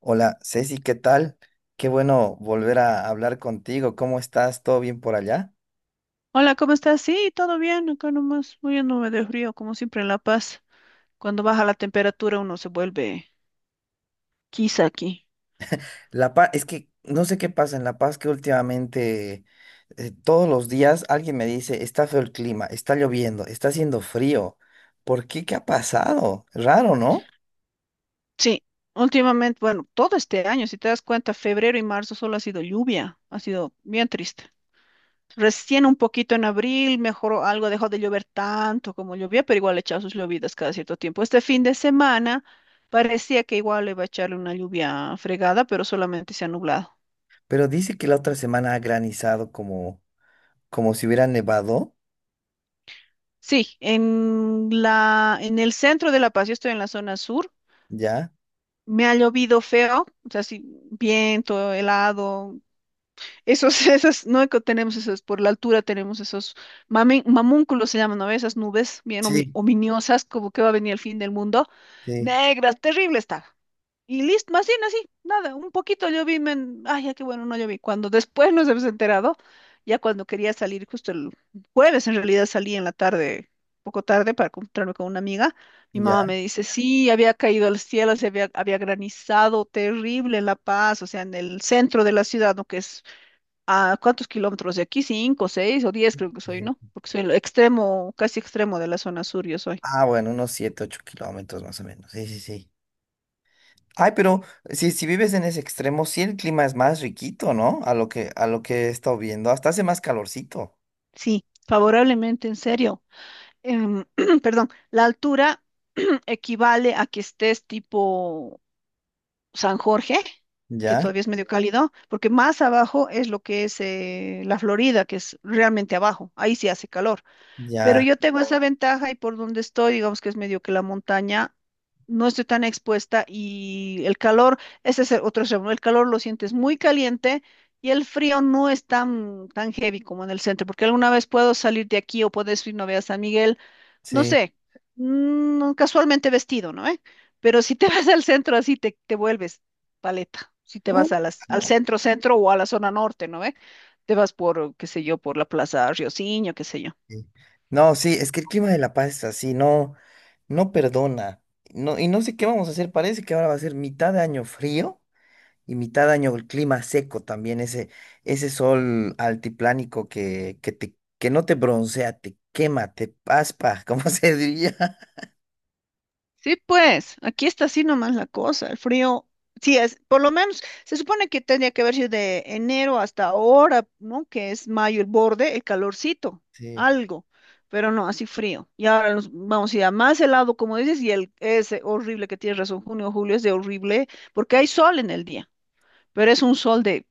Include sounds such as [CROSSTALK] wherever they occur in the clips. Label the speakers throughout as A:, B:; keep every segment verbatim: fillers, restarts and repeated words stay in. A: Hola, Ceci, ¿qué tal? Qué bueno volver a hablar contigo. ¿Cómo estás? ¿Todo bien por allá?
B: Hola, ¿cómo estás? Sí, todo bien, acá nomás muriéndome de frío, como siempre en La Paz. Cuando baja la temperatura uno se vuelve quizá aquí.
A: La Paz, es que no sé qué pasa en La Paz que últimamente eh, todos los días alguien me dice, está feo el clima, está lloviendo, está haciendo frío. ¿Por qué? ¿Qué ha pasado? Raro, ¿no?
B: Sí, últimamente, bueno, todo este año, si te das cuenta, febrero y marzo solo ha sido lluvia, ha sido bien triste. Recién un poquito en abril mejoró algo, dejó de llover tanto como llovía, pero igual echaba sus llovidas cada cierto tiempo. Este fin de semana parecía que igual iba a echarle una lluvia fregada, pero solamente se ha nublado.
A: Pero dice que la otra semana ha granizado como, como, si hubiera nevado,
B: Sí, en la, en el centro de La Paz, yo estoy en la zona sur,
A: ¿ya?
B: me ha llovido feo, o sea, sí, viento, helado, esos, [LAUGHS] esas, no que tenemos esos, por la altura tenemos esos mamen- mamúnculos se llaman, ¿no? Esas nubes bien omi-
A: Sí.
B: ominosas, como que va a venir el fin del mundo,
A: Sí,
B: negras, terrible está. Y listo, más bien así, nada, un poquito yo vi, men- ay, ya qué bueno, no lloví. Cuando después nos hemos enterado, ya cuando quería salir, justo el jueves en realidad salí en la tarde, poco tarde para encontrarme con una amiga, mi mamá
A: ya.
B: me dice, sí, había caído al cielo, se había, había granizado terrible en La Paz, o sea, en el centro de la ciudad, ¿no? Que es a cuántos kilómetros de aquí, cinco, seis o diez creo que soy, ¿no?
A: Sí.
B: Porque soy el extremo, casi extremo de la zona sur, yo soy.
A: Ah, bueno, unos siete, ocho kilómetros más o menos. Sí, sí, sí. Ay, pero si, si vives en ese extremo, sí el clima es más riquito, ¿no? A lo que, a lo que he estado viendo. Hasta hace más calorcito.
B: Sí, favorablemente, en serio. em, [CLEARS THROAT] Perdón, la altura [CLEARS THROAT] equivale a que estés tipo San Jorge, que
A: Ya,
B: todavía es medio cálido, porque más abajo es lo que es eh, la Florida, que es realmente abajo, ahí sí hace calor, pero
A: ya,
B: yo tengo esa ventaja y por donde estoy, digamos que es medio que la montaña. No estoy tan expuesta y el calor, ese es el otro extremo, ¿no? El calor lo sientes muy caliente y el frío no es tan, tan heavy como en el centro, porque alguna vez puedo salir de aquí o puedes ir, no veas San Miguel, no
A: sí.
B: sé, mm, casualmente vestido, ¿no? ¿Eh? Pero si te [LAUGHS] vas al centro así, te, te vuelves paleta. Si te
A: Uh,
B: vas a las, al
A: no.
B: centro, centro o a la zona norte, ¿no? ¿Eh? Te vas por, qué sé yo, por la Plaza Rioseño, qué sé yo.
A: Sí. No, sí, es que el clima de La Paz es así, no, no perdona. No, y no sé qué vamos a hacer. Parece que ahora va a ser mitad de año frío y mitad de año el clima seco también, ese, ese, sol altiplánico que, que te, que no te broncea, te quema, te paspa, [LAUGHS] como se diría.
B: Sí, pues, aquí está así nomás la cosa, el frío, sí es, por lo menos, se supone que tendría que haber sido de enero hasta ahora, ¿no? Que es mayo el borde, el calorcito,
A: Sí.
B: algo, pero no, así frío. Y ahora nos vamos a ir a más helado, como dices, y el ese horrible que tienes razón, junio, julio es de horrible, porque hay sol en el día, pero es un sol de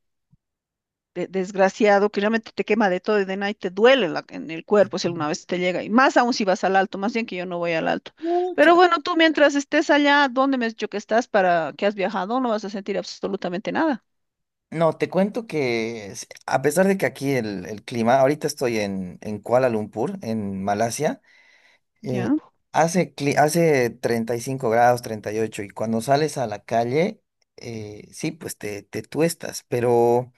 B: de- desgraciado que realmente te quema de todo y de nada y te duele la- en el cuerpo si alguna vez te llega. Y más aún si vas al alto, más bien que yo no voy al alto. Pero
A: mucha
B: bueno, tú mientras estés allá, ¿dónde me has dicho que estás para que has viajado? No vas a sentir absolutamente nada.
A: No, te cuento que s- a pesar de que aquí el, el, clima, ahorita estoy en, en Kuala Lumpur, en Malasia, eh,
B: Ya,
A: hace, cli- hace treinta y cinco grados, treinta y ocho, y ocho, y cuando sales a la calle, eh, sí, pues te, te tuestas, pero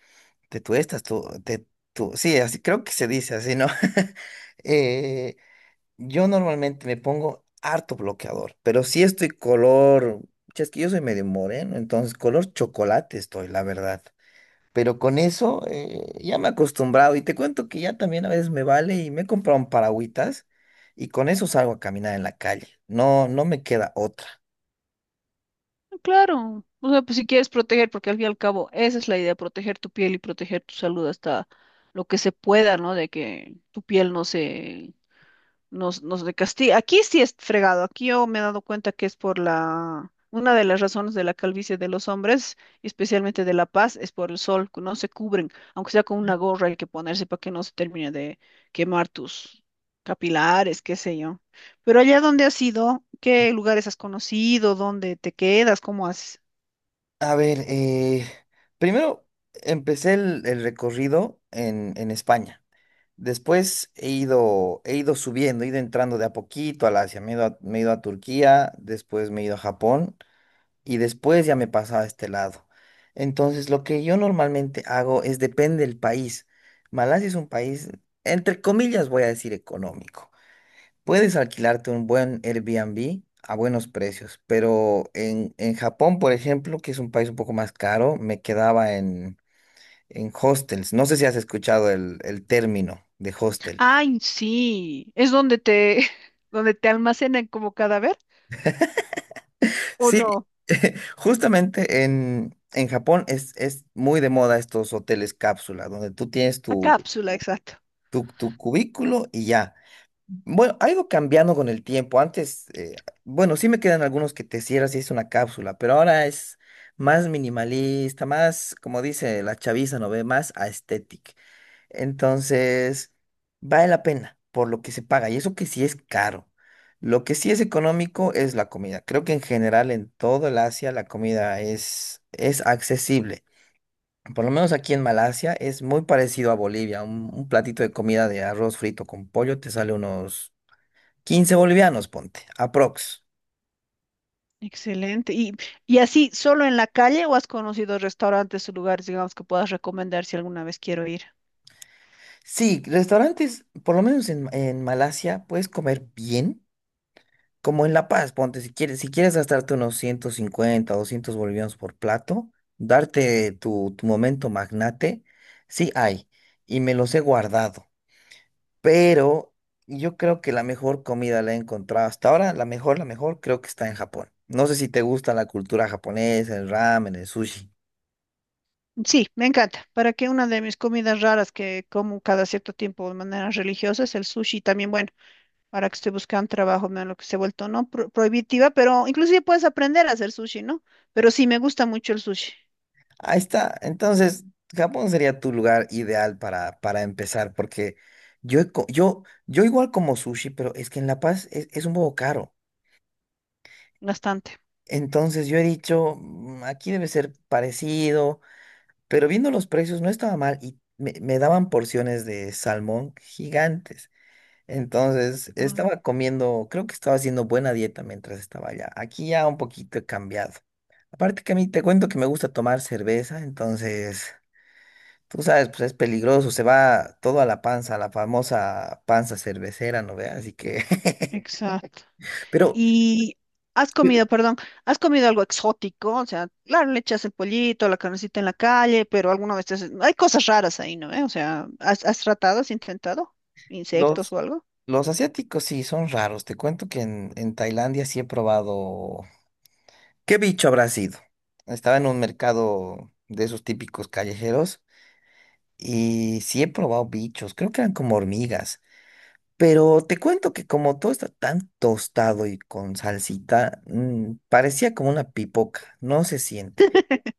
A: te tuestas, tú, te, tú, sí, así creo que se dice así, ¿no? [LAUGHS] Eh, yo normalmente me pongo harto bloqueador, pero sí estoy color, che, es que yo soy medio moreno, entonces color chocolate estoy, la verdad. Pero con eso eh, ya me he acostumbrado y te cuento que ya también a veces me vale y me he comprado un paragüitas y con eso salgo a caminar en la calle. No, no me queda otra.
B: claro. O sea, pues si quieres proteger, porque al fin y al cabo esa es la idea, proteger tu piel y proteger tu salud hasta lo que se pueda, ¿no? De que tu piel no se nos, nos castiga. Aquí sí es fregado. Aquí yo me he dado cuenta que es por la... Una de las razones de la calvicie de los hombres, y especialmente de la paz, es por el sol, que no se cubren, aunque sea con una gorra hay que ponerse para que no se termine de quemar tus capilares, qué sé yo. Pero allá donde has ido, ¿qué lugares has conocido? ¿Dónde te quedas? ¿Cómo haces?
A: A ver, eh, primero empecé el, el, recorrido en, en España. Después he ido, he ido subiendo, he ido entrando de a poquito al Asia. Me he ido a, me he ido a Turquía, después me he ido a Japón y después ya me pasaba a este lado. Entonces, lo que yo normalmente hago es depende del país. Malasia es un país, entre comillas, voy a decir económico. Puedes alquilarte un buen Airbnb a buenos precios, pero en, en Japón, por ejemplo, que es un país un poco más caro, me quedaba en, en hostels. No sé si has escuchado el, el término de hostel.
B: Ay, sí, es donde te, [LAUGHS] donde te almacenan como cadáver, ¿o
A: Sí,
B: no?
A: [LAUGHS] justamente en, en, Japón es, es muy de moda estos hoteles cápsula, donde tú tienes
B: A
A: tu,
B: cápsula, exacto.
A: tu, tu cubículo y ya. Bueno, ha ido cambiando con el tiempo. Antes, eh, bueno, sí me quedan algunos que te cierras y es una cápsula, pero ahora es más minimalista, más, como dice la chaviza, ¿no ve? Más aesthetic. Entonces, vale la pena por lo que se paga. Y eso que sí es caro. Lo que sí es económico es la comida. Creo que en general en todo el Asia la comida es, es, accesible. Por lo menos aquí en Malasia es muy parecido a Bolivia. Un, un platito de comida de arroz frito con pollo te sale unos quince bolivianos, ponte, aprox.
B: Excelente. ¿Y, y así, solo en la calle o has conocido restaurantes o lugares, digamos, que puedas recomendar si alguna vez quiero ir?
A: Sí, restaurantes, por lo menos en, en, Malasia, puedes comer bien, como en La Paz, ponte, si quieres, si quieres gastarte unos ciento cincuenta, doscientos bolivianos por plato, darte tu, tu momento magnate, sí hay, y me los he guardado. Pero yo creo que la mejor comida la he encontrado hasta ahora, la mejor, la mejor, creo que está en Japón. No sé si te gusta la cultura japonesa, el ramen, el sushi.
B: Sí, me encanta. Para que una de mis comidas raras que como cada cierto tiempo de manera religiosa es el sushi. También, bueno, ahora que estoy buscando trabajo, me lo que se ha vuelto, ¿no? Pro- prohibitiva, pero inclusive puedes aprender a hacer sushi, ¿no? Pero sí, me gusta mucho el sushi,
A: Ahí está. Entonces, Japón sería tu lugar ideal para, para empezar, porque yo, he co- yo, yo igual como sushi, pero es que en La Paz es, es, un poco caro.
B: bastante.
A: Entonces yo he dicho, "Mm, aquí debe ser parecido, pero viendo los precios no estaba mal y me, me daban porciones de salmón gigantes. Entonces,
B: Mm.
A: estaba comiendo, creo que estaba haciendo buena dieta mientras estaba allá. Aquí ya un poquito he cambiado. Aparte que a mí te cuento que me gusta tomar cerveza, entonces, tú sabes, pues es peligroso, se va todo a la panza, la famosa panza cervecera, ¿no ve? Así que, [LAUGHS]
B: Exacto.
A: pero
B: Y has comido, perdón, has comido algo exótico, o sea, claro, le echas el pollito, la carnecita en la calle, pero alguna vez te haces- hay cosas raras ahí, ¿no? ¿Eh? O sea, ¿has, has tratado, has intentado insectos
A: los,
B: o algo?
A: los asiáticos sí son raros. Te cuento que en, en Tailandia sí he probado, ¿qué bicho habrá sido? Estaba en un mercado de esos típicos callejeros. Y sí he probado bichos, creo que eran como hormigas. Pero te cuento que como todo está tan tostado y con salsita, mm, parecía como una pipoca, no se siente.
B: [LAUGHS]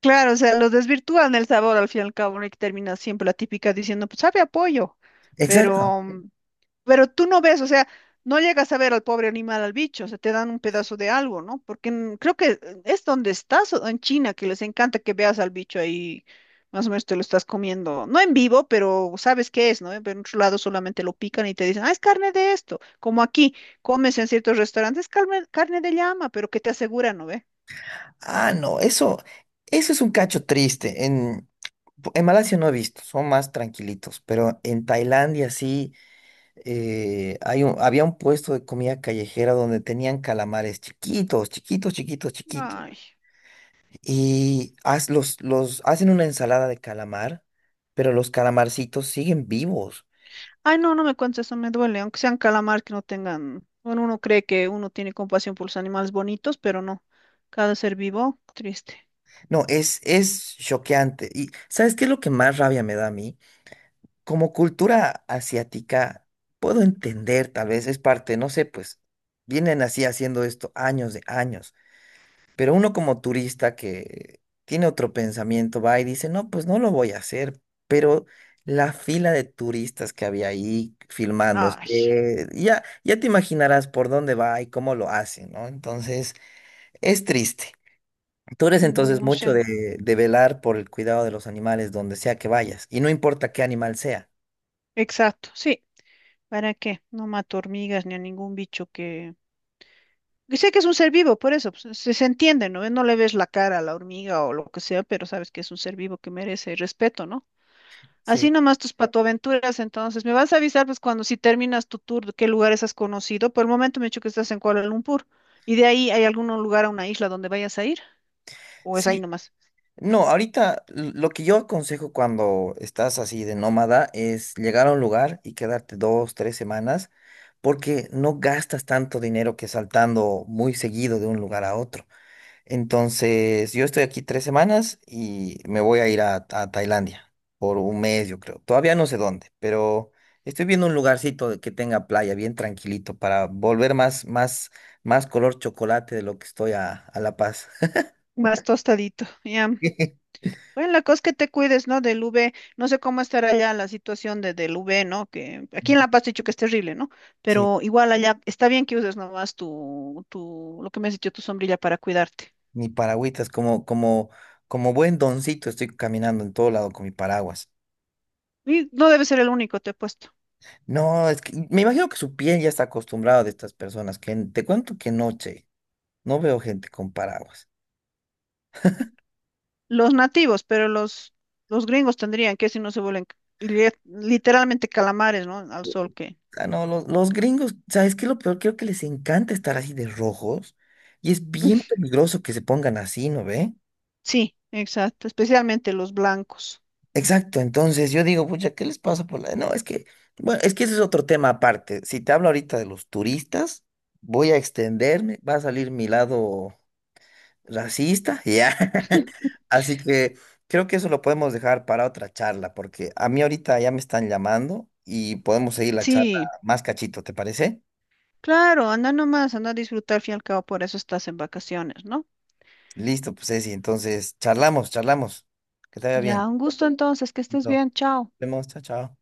B: Claro, o sea, los desvirtúan el sabor al fin y al cabo, ¿no? Y termina siempre la típica diciendo, pues sabe a pollo,
A: Exacto.
B: pero mm. Pero tú no ves, o sea, no llegas a ver al pobre animal, al bicho, o sea, te dan un pedazo de algo, ¿no? Porque en- creo que es donde estás, o en China, que les encanta que veas al bicho ahí, más o menos te lo estás comiendo, no en vivo, pero sabes qué es, ¿no? Pero en otro lado solamente lo pican y te dicen, ah, es carne de esto, como aquí, comes en ciertos restaurantes, carne, carne de llama, pero que te aseguran, ¿no ve?
A: Ah, no, eso, eso es un cacho triste. En, en Malasia no he visto, son más tranquilitos, pero en Tailandia sí eh, hay un- había un puesto de comida callejera donde tenían calamares chiquitos, chiquitos, chiquitos, chiquitos.
B: Ay.
A: Y haz- los, los hacen una ensalada de calamar, pero los calamarcitos siguen vivos.
B: Ay, no, no me cuentes eso, me duele, aunque sean calamar que no tengan, bueno, uno cree que uno tiene compasión por los animales bonitos, pero no, cada ser vivo, triste.
A: No, es, es choqueante. ¿Y sabes qué es lo que más rabia me da a mí? Como cultura asiática, puedo entender, tal vez es parte, no sé, pues vienen así haciendo esto años de años. Pero uno como turista que tiene otro pensamiento va y dice, no, pues no lo voy a hacer, pero la fila de turistas que había ahí filmando,
B: Ay,
A: eh, ya, ya te imaginarás por dónde va y cómo lo hacen, ¿no? Entonces, es triste. Tú eres
B: mm,
A: entonces
B: no
A: mucho
B: sé,
A: de, de, velar por el cuidado de los animales donde sea que vayas, y no importa qué animal sea.
B: exacto, sí, ¿para qué? No mato hormigas ni a ningún bicho que... que sé que es un ser vivo, por eso, pues, se, se entiende, ¿no? No le ves la cara a la hormiga o lo que sea, pero sabes que es un ser vivo que merece respeto, ¿no? Así
A: Sí.
B: nomás tus patoaventuras, entonces. Me vas a avisar, pues, cuando si terminas tu tour, de qué lugares has conocido. Por el momento me he dicho que estás en Kuala Lumpur. ¿Y de ahí hay algún lugar a una isla donde vayas a ir? ¿O es ahí
A: Sí.
B: nomás?
A: No, ahorita l- lo que yo aconsejo cuando estás así de nómada es llegar a un lugar y quedarte dos, tres semanas, porque no gastas tanto dinero que saltando muy seguido de un lugar a otro. Entonces, yo estoy aquí tres semanas y me voy a ir a, a Tailandia por un mes, yo creo. Todavía no sé dónde, pero estoy viendo un lugarcito de- que tenga playa bien tranquilito para volver más, más, más, color chocolate de lo que estoy a, a La Paz.
B: Más tostadito, ya.
A: [LAUGHS]
B: Bueno, la cosa es que te cuides, ¿no? Del u ve. No sé cómo estará allá la situación de, del u ve, ¿no? Que aquí en La Paz te he dicho que es terrible, ¿no?
A: Sí.
B: Pero igual allá está bien que uses nomás tu, tu, lo que me has dicho, tu sombrilla para cuidarte.
A: Mi paragüitas, como, como, como buen doncito, estoy caminando en todo lado con mi paraguas.
B: Y no debe ser el único, te he puesto.
A: No, es que me imagino que su piel ya está acostumbrada de estas personas, que en- te cuento que noche no veo gente con paraguas.
B: Los nativos, pero los, los gringos tendrían que si no se vuelven li- literalmente calamares, ¿no? Al sol que...
A: Ah, no, los, los gringos, ¿sabes qué? Es lo peor, creo que les encanta estar así de rojos y es bien
B: [LAUGHS]
A: peligroso que se pongan así, ¿no ve?
B: Sí, exacto, especialmente los blancos.
A: Exacto, entonces yo digo, pucha, ¿qué les pasa por la...? No, es que, bueno, es que ese es otro tema aparte. Si te hablo ahorita de los turistas, voy a extenderme, va a salir mi lado racista, ya. [LAUGHS] Así que creo que eso lo podemos dejar para otra charla, porque a mí ahorita ya me están llamando y podemos seguir la charla
B: Sí,
A: más cachito, ¿te parece?
B: claro, anda nomás, anda a disfrutar, al fin y al cabo, por eso estás en vacaciones, ¿no?
A: Listo, pues Ceci, entonces charlamos, charlamos. Que te vaya
B: Ya,
A: bien.
B: un gusto entonces, que estés
A: Listo. Nos
B: bien, chao.
A: vemos, chao, chao.